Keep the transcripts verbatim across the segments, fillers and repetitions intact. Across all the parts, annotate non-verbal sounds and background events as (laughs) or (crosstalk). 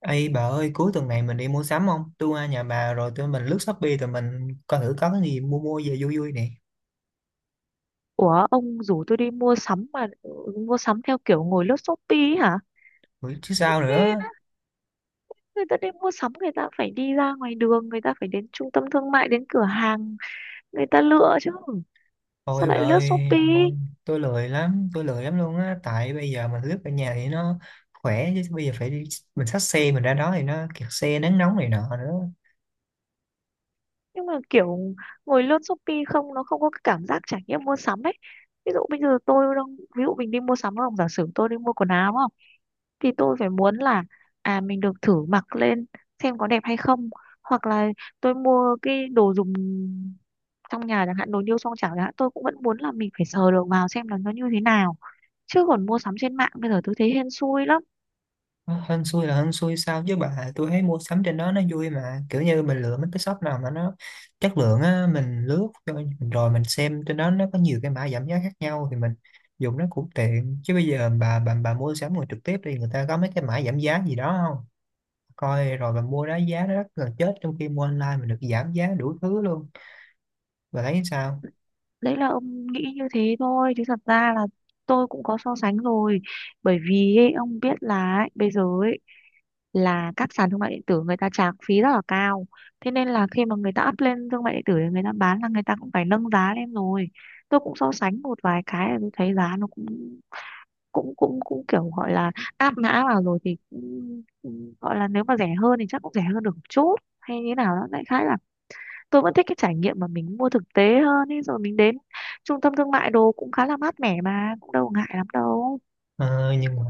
Ê bà ơi, cuối tuần này mình đi mua sắm không? Tôi qua nhà bà rồi tụi mình lướt Shopee, tụi mình coi thử có cái gì mua mua về vui vui nè. Ủa ông rủ tôi đi mua sắm mà ừ, mua sắm theo kiểu ngồi lướt Shopee ấy hả? Ủa, chứ sao Ghê nữa? đó. Người ta đi mua sắm người ta phải đi ra ngoài đường, người ta phải đến trung tâm thương mại, đến cửa hàng, người ta lựa chứ. Sao Ôi bà lại lướt ơi Shopee? thôi, tôi lười lắm, tôi lười lắm luôn á. Tại bây giờ mình lướt ở nhà thì nó khỏe, chứ bây giờ phải đi, mình xách xe mình ra đó thì nó kẹt xe, nắng nóng này nọ nữa. Nhưng mà kiểu ngồi lướt Shopee không nó không có cái cảm giác trải nghiệm mua sắm ấy. Ví dụ bây giờ tôi đang Ví dụ mình đi mua sắm đúng không? Giả sử tôi đi mua quần áo đúng không? Thì tôi phải muốn là à mình được thử mặc lên xem có đẹp hay không, hoặc là tôi mua cái đồ dùng trong nhà chẳng hạn, đồ niêu xoong chảo chẳng hạn, tôi cũng vẫn muốn là mình phải sờ được vào xem là nó như thế nào, chứ còn mua sắm trên mạng bây giờ tôi thấy hên xui lắm. Hên xui là hên xui sao chứ bà? Tôi thấy mua sắm trên đó nó vui mà. Kiểu như mình lựa mấy cái shop nào mà nó chất lượng á, mình lướt rồi rồi mình xem trên đó nó có nhiều cái mã giảm giá khác nhau, thì mình dùng nó cũng tiện. Chứ bây giờ bà bà, bà mua sắm ngoài trực tiếp đi, người ta có mấy cái mã giảm giá gì đó không? Coi rồi bà mua đó giá nó rất gần chết, trong khi mua online mình được giảm giá đủ thứ luôn. Bà thấy sao? Đấy là ông nghĩ như thế thôi, chứ thật ra là tôi cũng có so sánh rồi. Bởi vì ấy, ông biết là ấy, bây giờ ấy, là các sàn thương mại điện tử người ta trả phí rất là cao, thế nên là khi mà người ta up lên thương mại điện tử để người ta bán là người ta cũng phải nâng giá lên rồi. Tôi cũng so sánh một vài cái là tôi thấy giá nó cũng cũng cũng cũng kiểu gọi là áp mã vào rồi thì cũng- cũng gọi là nếu mà rẻ hơn thì chắc cũng rẻ hơn được một chút hay như nào đó, đại khái là tôi vẫn thích cái trải nghiệm mà mình mua thực tế hơn ấy, rồi mình đến trung tâm thương mại đồ cũng khá là mát mẻ mà cũng đâu ngại lắm đâu. Ờ, nhưng mà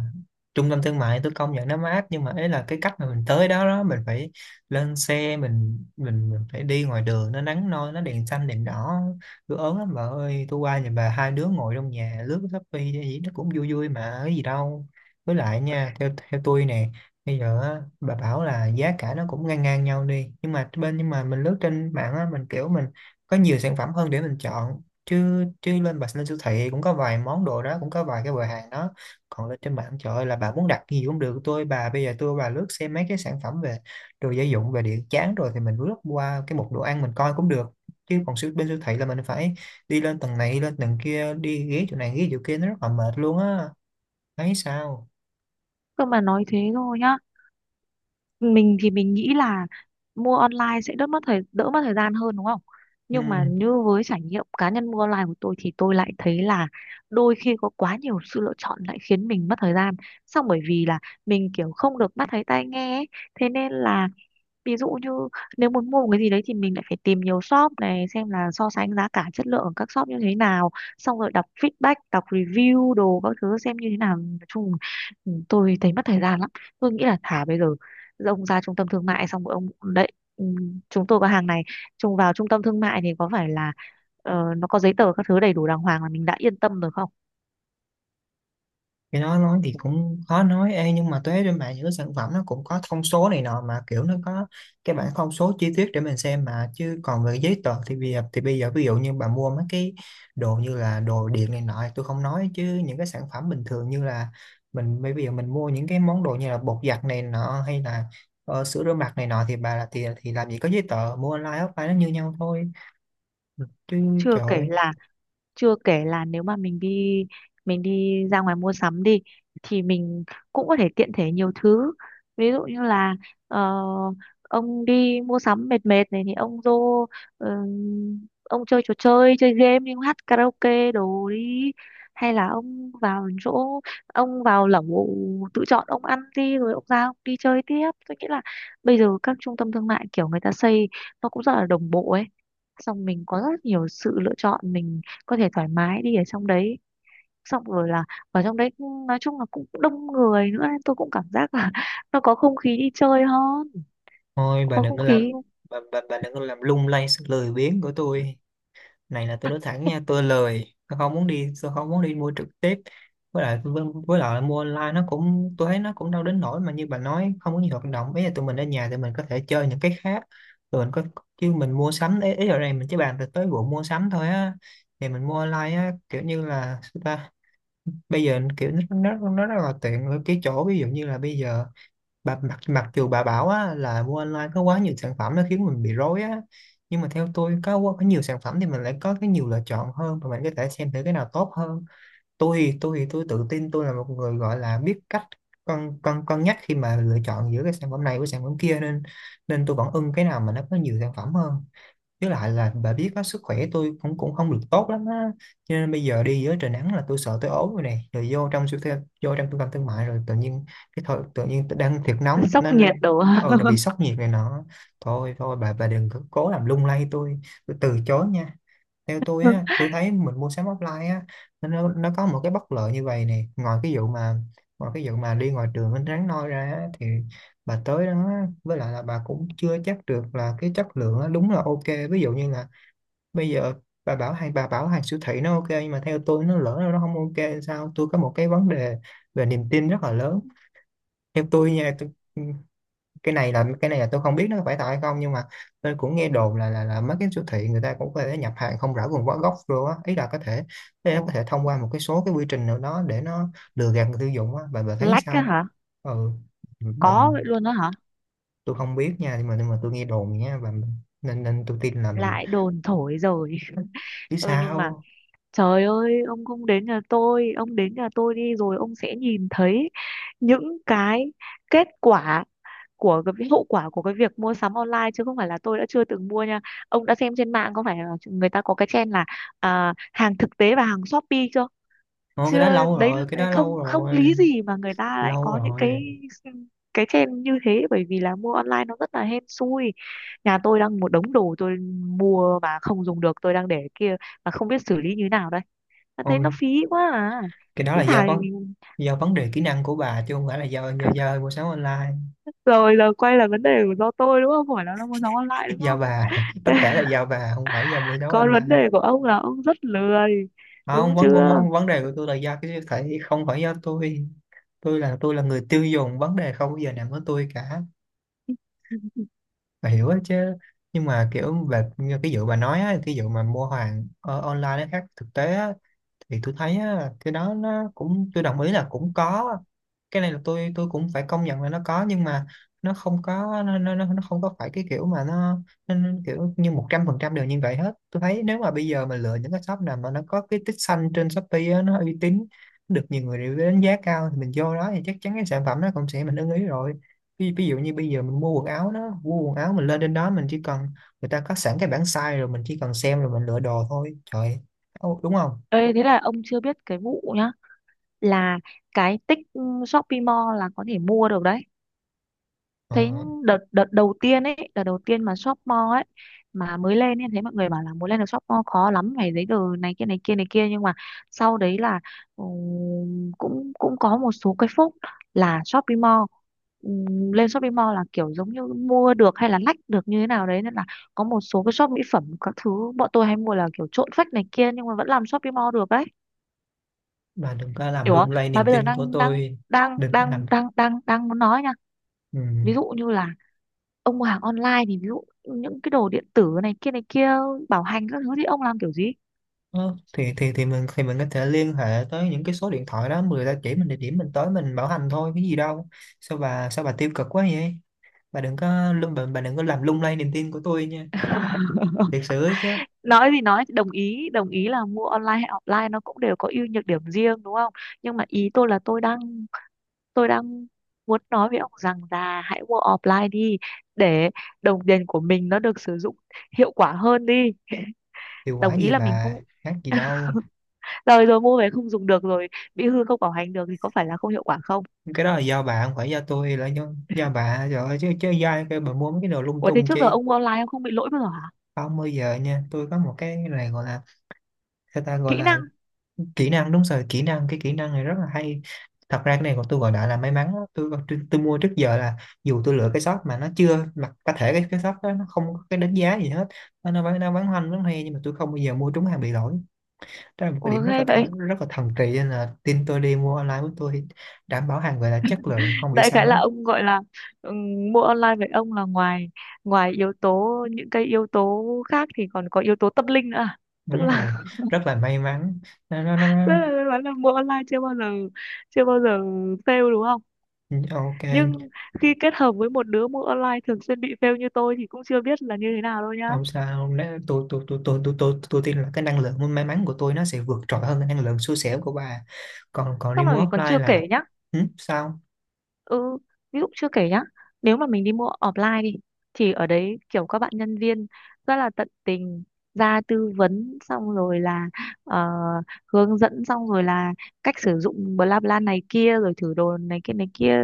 trung tâm thương mại tôi công nhận nó mát, nhưng mà ấy là cái cách mà mình tới đó đó mình phải lên xe mình, mình, mình phải đi ngoài đường nó nắng nôi, nó đèn xanh đèn đỏ, tôi ớn lắm bà ơi. Tôi qua nhà bà hai đứa ngồi trong nhà lướt Shopee hay gì nó cũng vui vui mà, cái gì đâu. Với lại nha, theo theo tôi nè, bây giờ á, bà bảo là giá cả nó cũng ngang ngang nhau đi, nhưng mà bên, nhưng mà mình lướt trên mạng á, mình kiểu mình có nhiều sản phẩm hơn để mình chọn, chứ chứ lên bà lên siêu thị cũng có vài món đồ đó, cũng có vài cái quầy hàng đó. Còn lên trên mạng, trời ơi, là bà muốn đặt cái gì cũng được. Tôi bà bây giờ tôi bà lướt xem mấy cái sản phẩm về đồ gia dụng, về điện chán rồi thì mình lướt qua cái mục đồ ăn mình coi cũng được. Chứ còn siêu bên siêu thị là mình phải đi lên tầng này lên tầng kia, đi ghế chỗ này ghế chỗ kia, nó rất là mệt luôn á. Thấy sao? Cơ mà nói thế thôi nhá, mình thì mình nghĩ là mua online sẽ đỡ mất thời đỡ mất thời gian hơn đúng không, Ừ. nhưng mà như với trải nghiệm cá nhân mua online của tôi thì tôi lại thấy là đôi khi có quá nhiều sự lựa chọn lại khiến mình mất thời gian. Xong bởi vì là mình kiểu không được mắt thấy tai nghe ấy. Thế nên là ví dụ như nếu muốn mua một cái gì đấy thì mình lại phải tìm nhiều shop này xem là so sánh giá cả chất lượng ở các shop như thế nào, xong rồi đọc feedback đọc review đồ các thứ xem như thế nào. Nói chung ừ, tôi thấy mất thời gian lắm. Tôi nghĩ là thả bây giờ ông ra trung tâm thương mại xong rồi ông đấy, ừ, chúng tôi có hàng này, trùng vào trung tâm thương mại thì có phải là ờ, nó có giấy tờ các thứ đầy đủ đàng hoàng là mình đã yên tâm rồi không? Cái đó nói thì cũng khó nói. Ê, nhưng mà thuế trên mạng những cái sản phẩm nó cũng có thông số này nọ mà, kiểu nó có cái bảng thông số chi tiết để mình xem mà. Chứ còn về giấy tờ thì bây giờ, thì bây giờ ví dụ như bà mua mấy cái đồ như là đồ điện này nọ thì tôi không nói, chứ những cái sản phẩm bình thường như là mình bây giờ mình mua những cái món đồ như là bột giặt này nọ hay là ờ, sữa rửa mặt này nọ thì bà là thì thì làm gì có giấy tờ, mua online offline nó như nhau thôi chứ. chưa Trời kể ơi, là chưa kể là nếu mà mình đi mình đi ra ngoài mua sắm đi thì mình cũng có thể tiện thể nhiều thứ. Ví dụ như là ờ, ông đi mua sắm mệt mệt này thì ông vô ừm, ông chơi trò chơi, chơi game, đi hát karaoke đồ đi, hay là ông vào chỗ ông vào lẩu tự chọn ông ăn đi rồi ông ra ông đi chơi tiếp. Tôi nghĩ là bây giờ các trung tâm thương mại kiểu người ta xây nó cũng rất là đồng bộ ấy, xong mình có rất nhiều sự lựa chọn, mình có thể thoải mái đi ở trong đấy, xong rồi là ở trong đấy cũng- nói chung là cũng đông người nữa, nên tôi cũng cảm giác là (laughs) nó có không khí đi chơi hơn. thôi Cũng bà có đừng không có làm, khí bà, bà, bà đừng có làm lung lay sự lười biếng của tôi. Này là tôi nói thẳng nha, tôi lười, tôi không muốn đi, tôi không muốn đi mua trực tiếp. Với lại với, với lại mua online nó cũng, tôi thấy nó cũng đâu đến nỗi mà như bà nói không có nhiều hoạt động. Ý là tụi mình ở nhà thì mình có thể chơi những cái khác, tụi mình có. Chứ mình mua sắm ấy, ý ở đây mình chỉ bàn được tới vụ mua sắm thôi á, thì mình mua online á kiểu như là sao ta, bây giờ kiểu nó nó nó rất là tiện ở cái chỗ, ví dụ như là bây giờ bà, mặc mặc dù bà bảo á, là mua online có quá nhiều sản phẩm nó khiến mình bị rối á, nhưng mà theo tôi có quá- có nhiều sản phẩm thì mình lại có cái nhiều lựa chọn hơn và mình có thể xem thử cái nào tốt hơn. Tôi thì tôi thì tôi tự tin tôi là một người gọi là biết cách cân cân cân nhắc khi mà lựa chọn giữa cái sản phẩm này với sản phẩm kia, nên nên tôi vẫn ưng cái nào mà nó có nhiều sản phẩm hơn. Với lại là bà biết á, sức khỏe tôi cũng cũng không được tốt lắm á, cho nên bây giờ đi dưới trời nắng là tôi sợ tôi ốm rồi nè. Rồi vô trong siêu thị, vô trong trung tâm thương mại rồi tự nhiên, cái thời tự nhiên đang thiệt nóng sốc nên nhiệt nên- đồ. ừ là bị sốc (laughs) nhiệt này nọ. Thôi thôi bà bà đừng có cố làm lung lay tôi tôi từ chối nha. Theo tôi á, tôi thấy mình mua sắm offline á, nó nó nó có một cái bất lợi như vậy nè. Ngoài cái vụ mà, ngoài cái vụ mà đi ngoài đường mình rắn noi ra á, thì bà tới đó á, với lại là bà cũng chưa chắc được là cái chất lượng á, đúng là ok. Ví dụ như là bây giờ bà bảo hay bà bảo hàng siêu thị nó ok, nhưng mà theo tôi nó lỡ nó không ok sao? Tôi có một cái vấn đề về niềm tin rất là lớn. Theo tôi nha, tôi, cái này là cái này là tôi không biết nó có phải thật hay không, nhưng mà tôi cũng nghe đồn là là, là mấy cái siêu thị người ta cũng có thể nhập hàng không rõ nguồn gốc rồi á. Ý là có thể, ý nó Ủa, có thể thông qua một cái số cái quy trình nào đó để nó lừa gạt người tiêu dùng á. Bà bà thấy lách á sao? hả? Ừ. Bà, Có vậy luôn đó hả? tôi không biết nha, nhưng mà nhưng mà tôi nghe đồn nha, và nên nên tôi tin là mình, Lại đồn thổi rồi. (laughs) chứ Ừ, nhưng mà sao. trời ơi ông không đến nhà tôi, ông đến nhà tôi đi rồi ông sẽ nhìn thấy những cái kết quả của cái vi- hậu quả của cái việc mua sắm online, chứ không phải là tôi đã chưa từng mua nha. Ông đã xem trên mạng có phải là người ta có cái trend là à, hàng thực tế và hàng Shopee chưa? Ồ, cái đó Chưa lâu đấy là- rồi, cái đó không lâu không rồi, lý gì mà người ta lại lâu có những cái rồi. cái trend như thế, bởi vì là mua online nó rất là hên xui. Nhà tôi đang một đống đồ tôi mua mà không dùng được, tôi đang để kia mà không biết xử lý như nào đây. Mà thấy Ôi, nó phí quá à. cái đó Thế là do thà thì vấn mình- do vấn đề kỹ năng của bà, chứ không phải là do do, do mua sắm online. rồi là quay lại vấn đề của do tôi đúng không phải là nó mua sắm online đúng Do không. bà (laughs) tất Thế cả là do bà, không phải do buổi đấu còn online. vấn đề của ông là ông rất lười, Không, đúng vấn vấn chưa? vấn vấn đề của tôi là do cái siêu thị, không phải do tôi. Tôi là tôi là người tiêu dùng, vấn đề không bao giờ nằm ở tôi cả, bà hiểu đó chứ. Nhưng mà kiểu về như cái vụ bà nói á, cái vụ mà mua hàng ờ, online nó khác thực tế á, thì tôi thấy á, cái đó nó cũng, tôi đồng ý là cũng có. Cái này là tôi tôi cũng phải công nhận là nó có, nhưng mà nó không có, nó nó, nó nó không có phải cái kiểu mà nó, nó, nó kiểu như một trăm phần trăm đều như vậy hết. Tôi thấy nếu mà bây giờ mà lựa những cái shop nào mà nó có cái tích xanh trên Shopee á, nó uy tín, nó được nhiều người review đánh giá cao thì mình vô đó thì chắc chắn cái sản phẩm nó cũng sẽ mình ưng ý rồi. Ví, ví dụ như bây giờ mình mua quần áo đó, mua quần áo mình lên trên đó mình chỉ cần, người ta có sẵn cái bảng size rồi mình chỉ cần xem rồi mình lựa đồ thôi. Trời ơi, đúng không? Ê, thế là ông chưa biết cái vụ nhá, là cái tích ừ, Shopee Mall là có thể mua được đấy. Thấy Ờ. đợt đợt đầu tiên ấy, đợt đầu tiên mà shop mall ấy mà mới lên ấy, thấy mọi người bảo là muốn lên được shop mall khó lắm phải giấy tờ này kia này kia này kia, nhưng mà sau đấy là ừm, cũng cũng có một số cái phúc là Shopee Mall. Ừm, lên Shopee Mall là kiểu giống như mua được hay là lách được như thế nào đấy, nên là có một số cái shop mỹ phẩm các thứ bọn tôi hay mua là kiểu trộn phách này kia nhưng mà vẫn làm Shopee Mall được đấy, Bạn đừng có làm hiểu không? lung lay Mà niềm bây giờ tin của đang đang tôi. đang Đừng có đang làm. đang đang đang muốn nói nha. Ừ. Ví dụ như là ông hàng online thì ví dụ những cái đồ điện tử này kia này kia, bảo hành các thứ thì ông làm kiểu gì? Ờ, thì thì thì mình thì mình có thể liên hệ tới những cái số điện thoại đó, người ta chỉ mình địa điểm mình tới mình bảo hành thôi, cái gì đâu. Sao bà, sao bà tiêu cực quá vậy? Bà đừng có lung, bà, bà đừng có làm lung lay niềm tin của tôi nha, thiệt sự ấy chứ. Nói thì nói, đồng ý đồng ý là mua online hay offline nó cũng đều có ưu nhược điểm riêng đúng không, nhưng mà ý tôi là tôi đang tôi đang muốn nói với ông rằng là hãy mua offline đi, để đồng tiền của mình nó được sử dụng hiệu quả hơn đi. Hiệu quả Đồng ý gì là mình không, bà, khác gì đâu. rồi rồi mua về không dùng được, rồi bị hư không bảo hành được thì có phải là không hiệu quả không. Cái đó là do bà, không phải do tôi, là do, do bà rồi chứ, chứ do ai kêu bà mua mấy cái đồ lung Ủa thế tung trước giờ chi. ông mua online ông không bị lỗi bao giờ hả? Không bao giờ nha. Tôi có một cái này gọi là, người ta gọi Kỹ là năng. kỹ năng. Đúng rồi, kỹ năng, cái kỹ năng này rất là hay. Thật ra cái này còn tôi gọi lại là may mắn á. tôi, tôi tôi mua trước giờ là, dù tôi lựa cái shop mà nó chưa mặc, có thể cái cái shop đó nó không có cái đánh giá gì hết, nó nó bán, nó bán hoành bán hoe, nhưng mà tôi không bao giờ mua trúng hàng bị lỗi. Đó là một cái Ủa điểm rất là ghê th vậy. rất là thần kỳ, nên là tin tôi đi, mua online của tôi đảm bảo hàng về là chất lượng không bị Đại sao khái là hết. ông gọi là ừm, mua online với ông là ngoài ngoài yếu tố những cái yếu tố khác thì còn có yếu tố tâm linh nữa à? Tức Đúng là rồi, rất là may mắn. nó, nó, nó, (laughs) tức nó. là tôi nói là mua online chưa bao giờ chưa bao giờ fail đúng không, Ừ, ok. nhưng khi kết hợp với một đứa mua online thường xuyên bị fail như tôi thì cũng chưa biết là như thế nào đâu nhá. Không sao. Nếu tôi tôi tôi tôi tôi tôi tôi tin là cái năng lượng may mắn của tôi nó sẽ vượt trội hơn cái năng lượng xui xẻo của bà. Còn còn Xong remote rồi còn offline chưa là kể nhá. ừ, sao? Ừ, ví dụ chưa kể nhá, nếu mà mình đi mua offline đi, thì ở đấy kiểu các bạn nhân viên rất là tận tình, ra tư vấn xong rồi là ờ, hướng dẫn xong rồi là cách sử dụng bla bla này kia rồi thử đồ này kia này kia.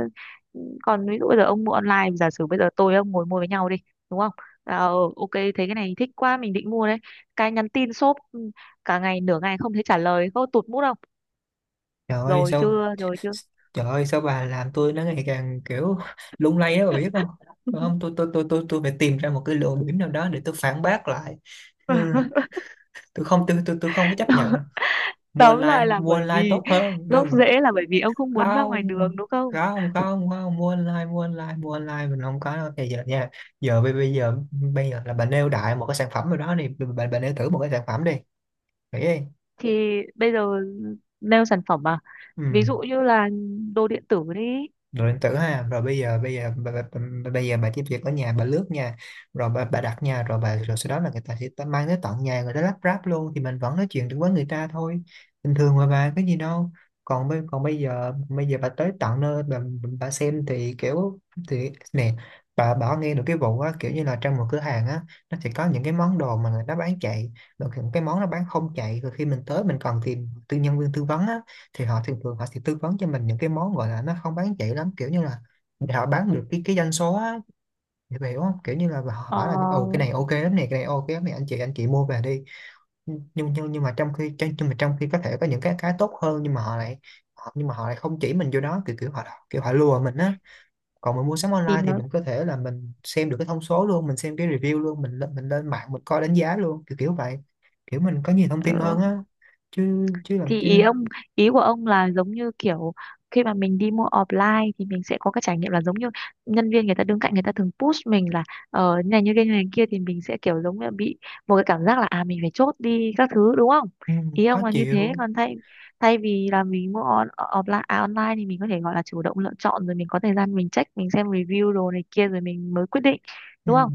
Còn ví dụ bây giờ ông mua online, giả sử bây giờ tôi ông ngồi mua với nhau đi, đúng không? À, ờ, ừ, ok thấy cái này thích quá mình định mua đấy. Cái nhắn tin shop ừ, cả ngày nửa ngày không thấy trả lời, có tụt mút không? Trời ơi Rồi sao chưa, rồi chưa. trời ơi sao bà làm tôi nó ngày càng kiểu lung lay đó bà biết không? Phải không? Tôi tôi tôi tôi tôi phải tìm ra một cái lỗ điểm nào đó để tôi phản bác lại. ừ, tôi không, tôi tôi tôi không có chấp nhận đâu. (laughs) Mua Tóm lại online, là mua bởi online vì tốt hơn, gốc đừng. rễ là bởi vì ông không muốn ra Không ngoài đường đúng không? không không không, mua online mua online mua online, mình không có thì giờ nha. Giờ bây bây giờ bây giờ là bà nêu đại một cái sản phẩm nào đó đi. Bà, bà nêu thử một cái sản phẩm đi. Nghĩ đi. Thì bây giờ nêu sản phẩm à, Ừ, ví dụ như là đồ điện tử đi. rồi điện tử ha. Rồi bây giờ bây giờ bà, bà, bà- bây giờ bà chỉ việc ở nhà bà lướt nha. Rồi bà, bà đặt nha, rồi bà, rồi sau đó là người ta sẽ ta mang tới tận nhà, người ta lắp ráp luôn thì mình vẫn nói chuyện được với người ta thôi. Bình thường mà bà, cái gì đâu. Còn bây còn bây giờ bây giờ bà tới tận nơi, bà, bà xem thì kiểu, thì nè. Bà bà có nghe được cái vụ á, kiểu như là trong một cửa hàng á, nó sẽ có những cái món đồ mà người ta bán chạy, rồi những cái món nó bán không chạy. Rồi khi mình tới mình còn tìm tư nhân viên tư vấn á, thì họ thường thường họ sẽ tư vấn cho mình những cái món gọi là nó không bán chạy lắm, kiểu như là để họ bán được cái cái doanh số á. Hiểu hiểu không, kiểu như là họ Ờ, bảo là ừ cái này ok lắm này, cái này ok lắm này, anh chị anh chị mua về đi. Nhưng nhưng nhưng mà trong khi trong- nhưng mà trong khi có thể có những cái cái tốt hơn nhưng mà họ lại, họ, nhưng mà họ lại không chỉ mình vô đó, kiểu kiểu họ, kiểu họ lùa mình á. Còn mình mua sắm thì online thì nó mình có thể là mình xem được cái thông số luôn, mình xem cái review luôn, mình lên mình lên mạng mình coi đánh giá luôn, kiểu kiểu vậy. Kiểu mình có nhiều thông tin hơn ờ, á. chứ chứ làm thì Ý chứ ông, ý của ông là giống như kiểu khi mà mình đi mua offline thì mình sẽ có cái trải nghiệm là giống như nhân viên người ta đứng cạnh người ta thường push mình là ờ như này như kia như này kia, thì mình sẽ kiểu giống như là bị một cái cảm giác là à mình phải chốt đi các thứ đúng không, Ừ, ý khó ông là như thế. chịu. Còn thay thay vì là mình mua on, offline à, online thì mình có thể gọi là chủ động lựa chọn, rồi mình có thời gian mình check mình xem review đồ này kia rồi mình mới quyết định Ừ, đúng không.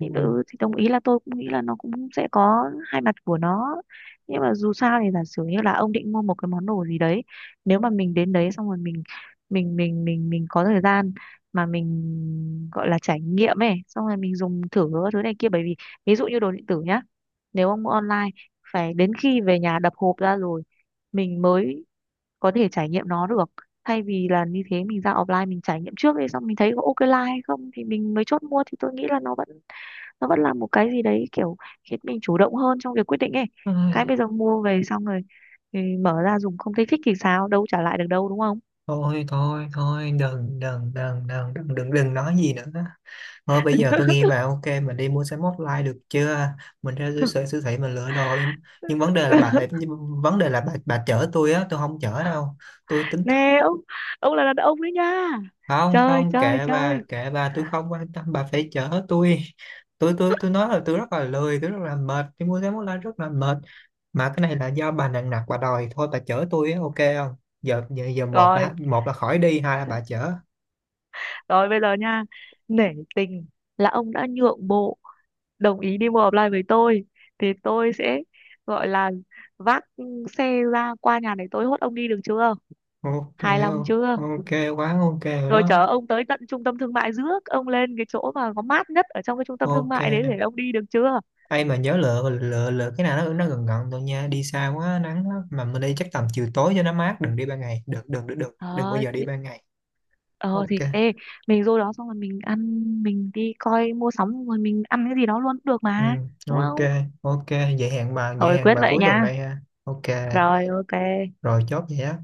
ừ. ừ, thì đồng ý là tôi cũng nghĩ là nó cũng sẽ có hai mặt của nó, nhưng mà dù sao thì giả sử như là ông định mua một cái món đồ gì đấy, nếu mà mình đến đấy xong rồi mình mình mình mình mình có thời gian mà mình gọi là trải nghiệm ấy, xong rồi mình dùng thử các thứ này kia, bởi vì ví dụ như đồ điện tử nhá, nếu ông mua online phải đến khi về nhà đập hộp ra rồi mình mới có thể trải nghiệm nó được, thay vì là như thế mình ra offline mình trải nghiệm trước đi, xong mình thấy có ok like hay không thì mình mới chốt mua, thì tôi nghĩ là nó vẫn nó vẫn là một cái gì đấy kiểu khiến mình chủ động hơn trong việc quyết định ấy. Cái Ai, bây giờ mua về xong rồi thì mở ra dùng không thấy thích thì sao, đâu trả lại được đâu đúng không? thôi thôi thôi, đừng đừng đừng đừng đừng đừng đừng nói gì nữa. Thôi bây giờ tôi nghe bà, ok mình đi mua sắm offline được chưa. Mình ra siêu thị, siêu thị mình lựa đồ. Nhưng nhưng vấn đề là bà phải (laughs) nhưng vấn đề là bà bà chở tôi á, tôi không chở đâu. Tôi tính. Nè ông ông là đàn ông đấy nha. Không Chơi không, chơi kệ chơi. bà kệ bà, tôi không quan tâm, bà phải chở tôi. Tôi tôi tôi nói là tôi rất là lười, tôi rất là mệt, tôi mua cái món lá rất là mệt. Mà cái này là do bà nặng nặc bà đòi thôi, bà chở tôi á, ok không? Giờ giờ, giờ một Rồi là một là khỏi đi, hai là bà chở. rồi bây giờ nha, nể tình là ông đã nhượng bộ đồng ý đi mua offline với tôi, thì tôi sẽ gọi là vác xe ra qua nhà này tôi hốt ông đi được chưa, Ok hài lòng không? chưa? Ok. Quá ok rồi Rồi đó. chở ông tới tận trung tâm thương mại, rước ông lên cái chỗ mà có mát nhất ở trong cái trung tâm thương Ok, mại đấy để ông đi được chưa. ai mà nhớ, lựa lựa lựa cái nào nó nó gần gần thôi nha, đi xa quá nắng lắm. Mà mình đi chắc tầm chiều tối cho nó mát, đừng đi ban ngày, đừng đừng đừng đừng đừng bao ờ giờ đi thì, ban ngày. ờ, Ok. thì ê, mình vô đó xong rồi mình ăn, mình đi coi mua sắm rồi mình ăn cái gì đó luôn cũng được Ừ, mà, đúng ok, không? ok, vậy hẹn bà, vậy Rồi hẹn quyết bà vậy cuối tuần nha, đây ha. Ok, rồi ok. rồi chốt vậy á.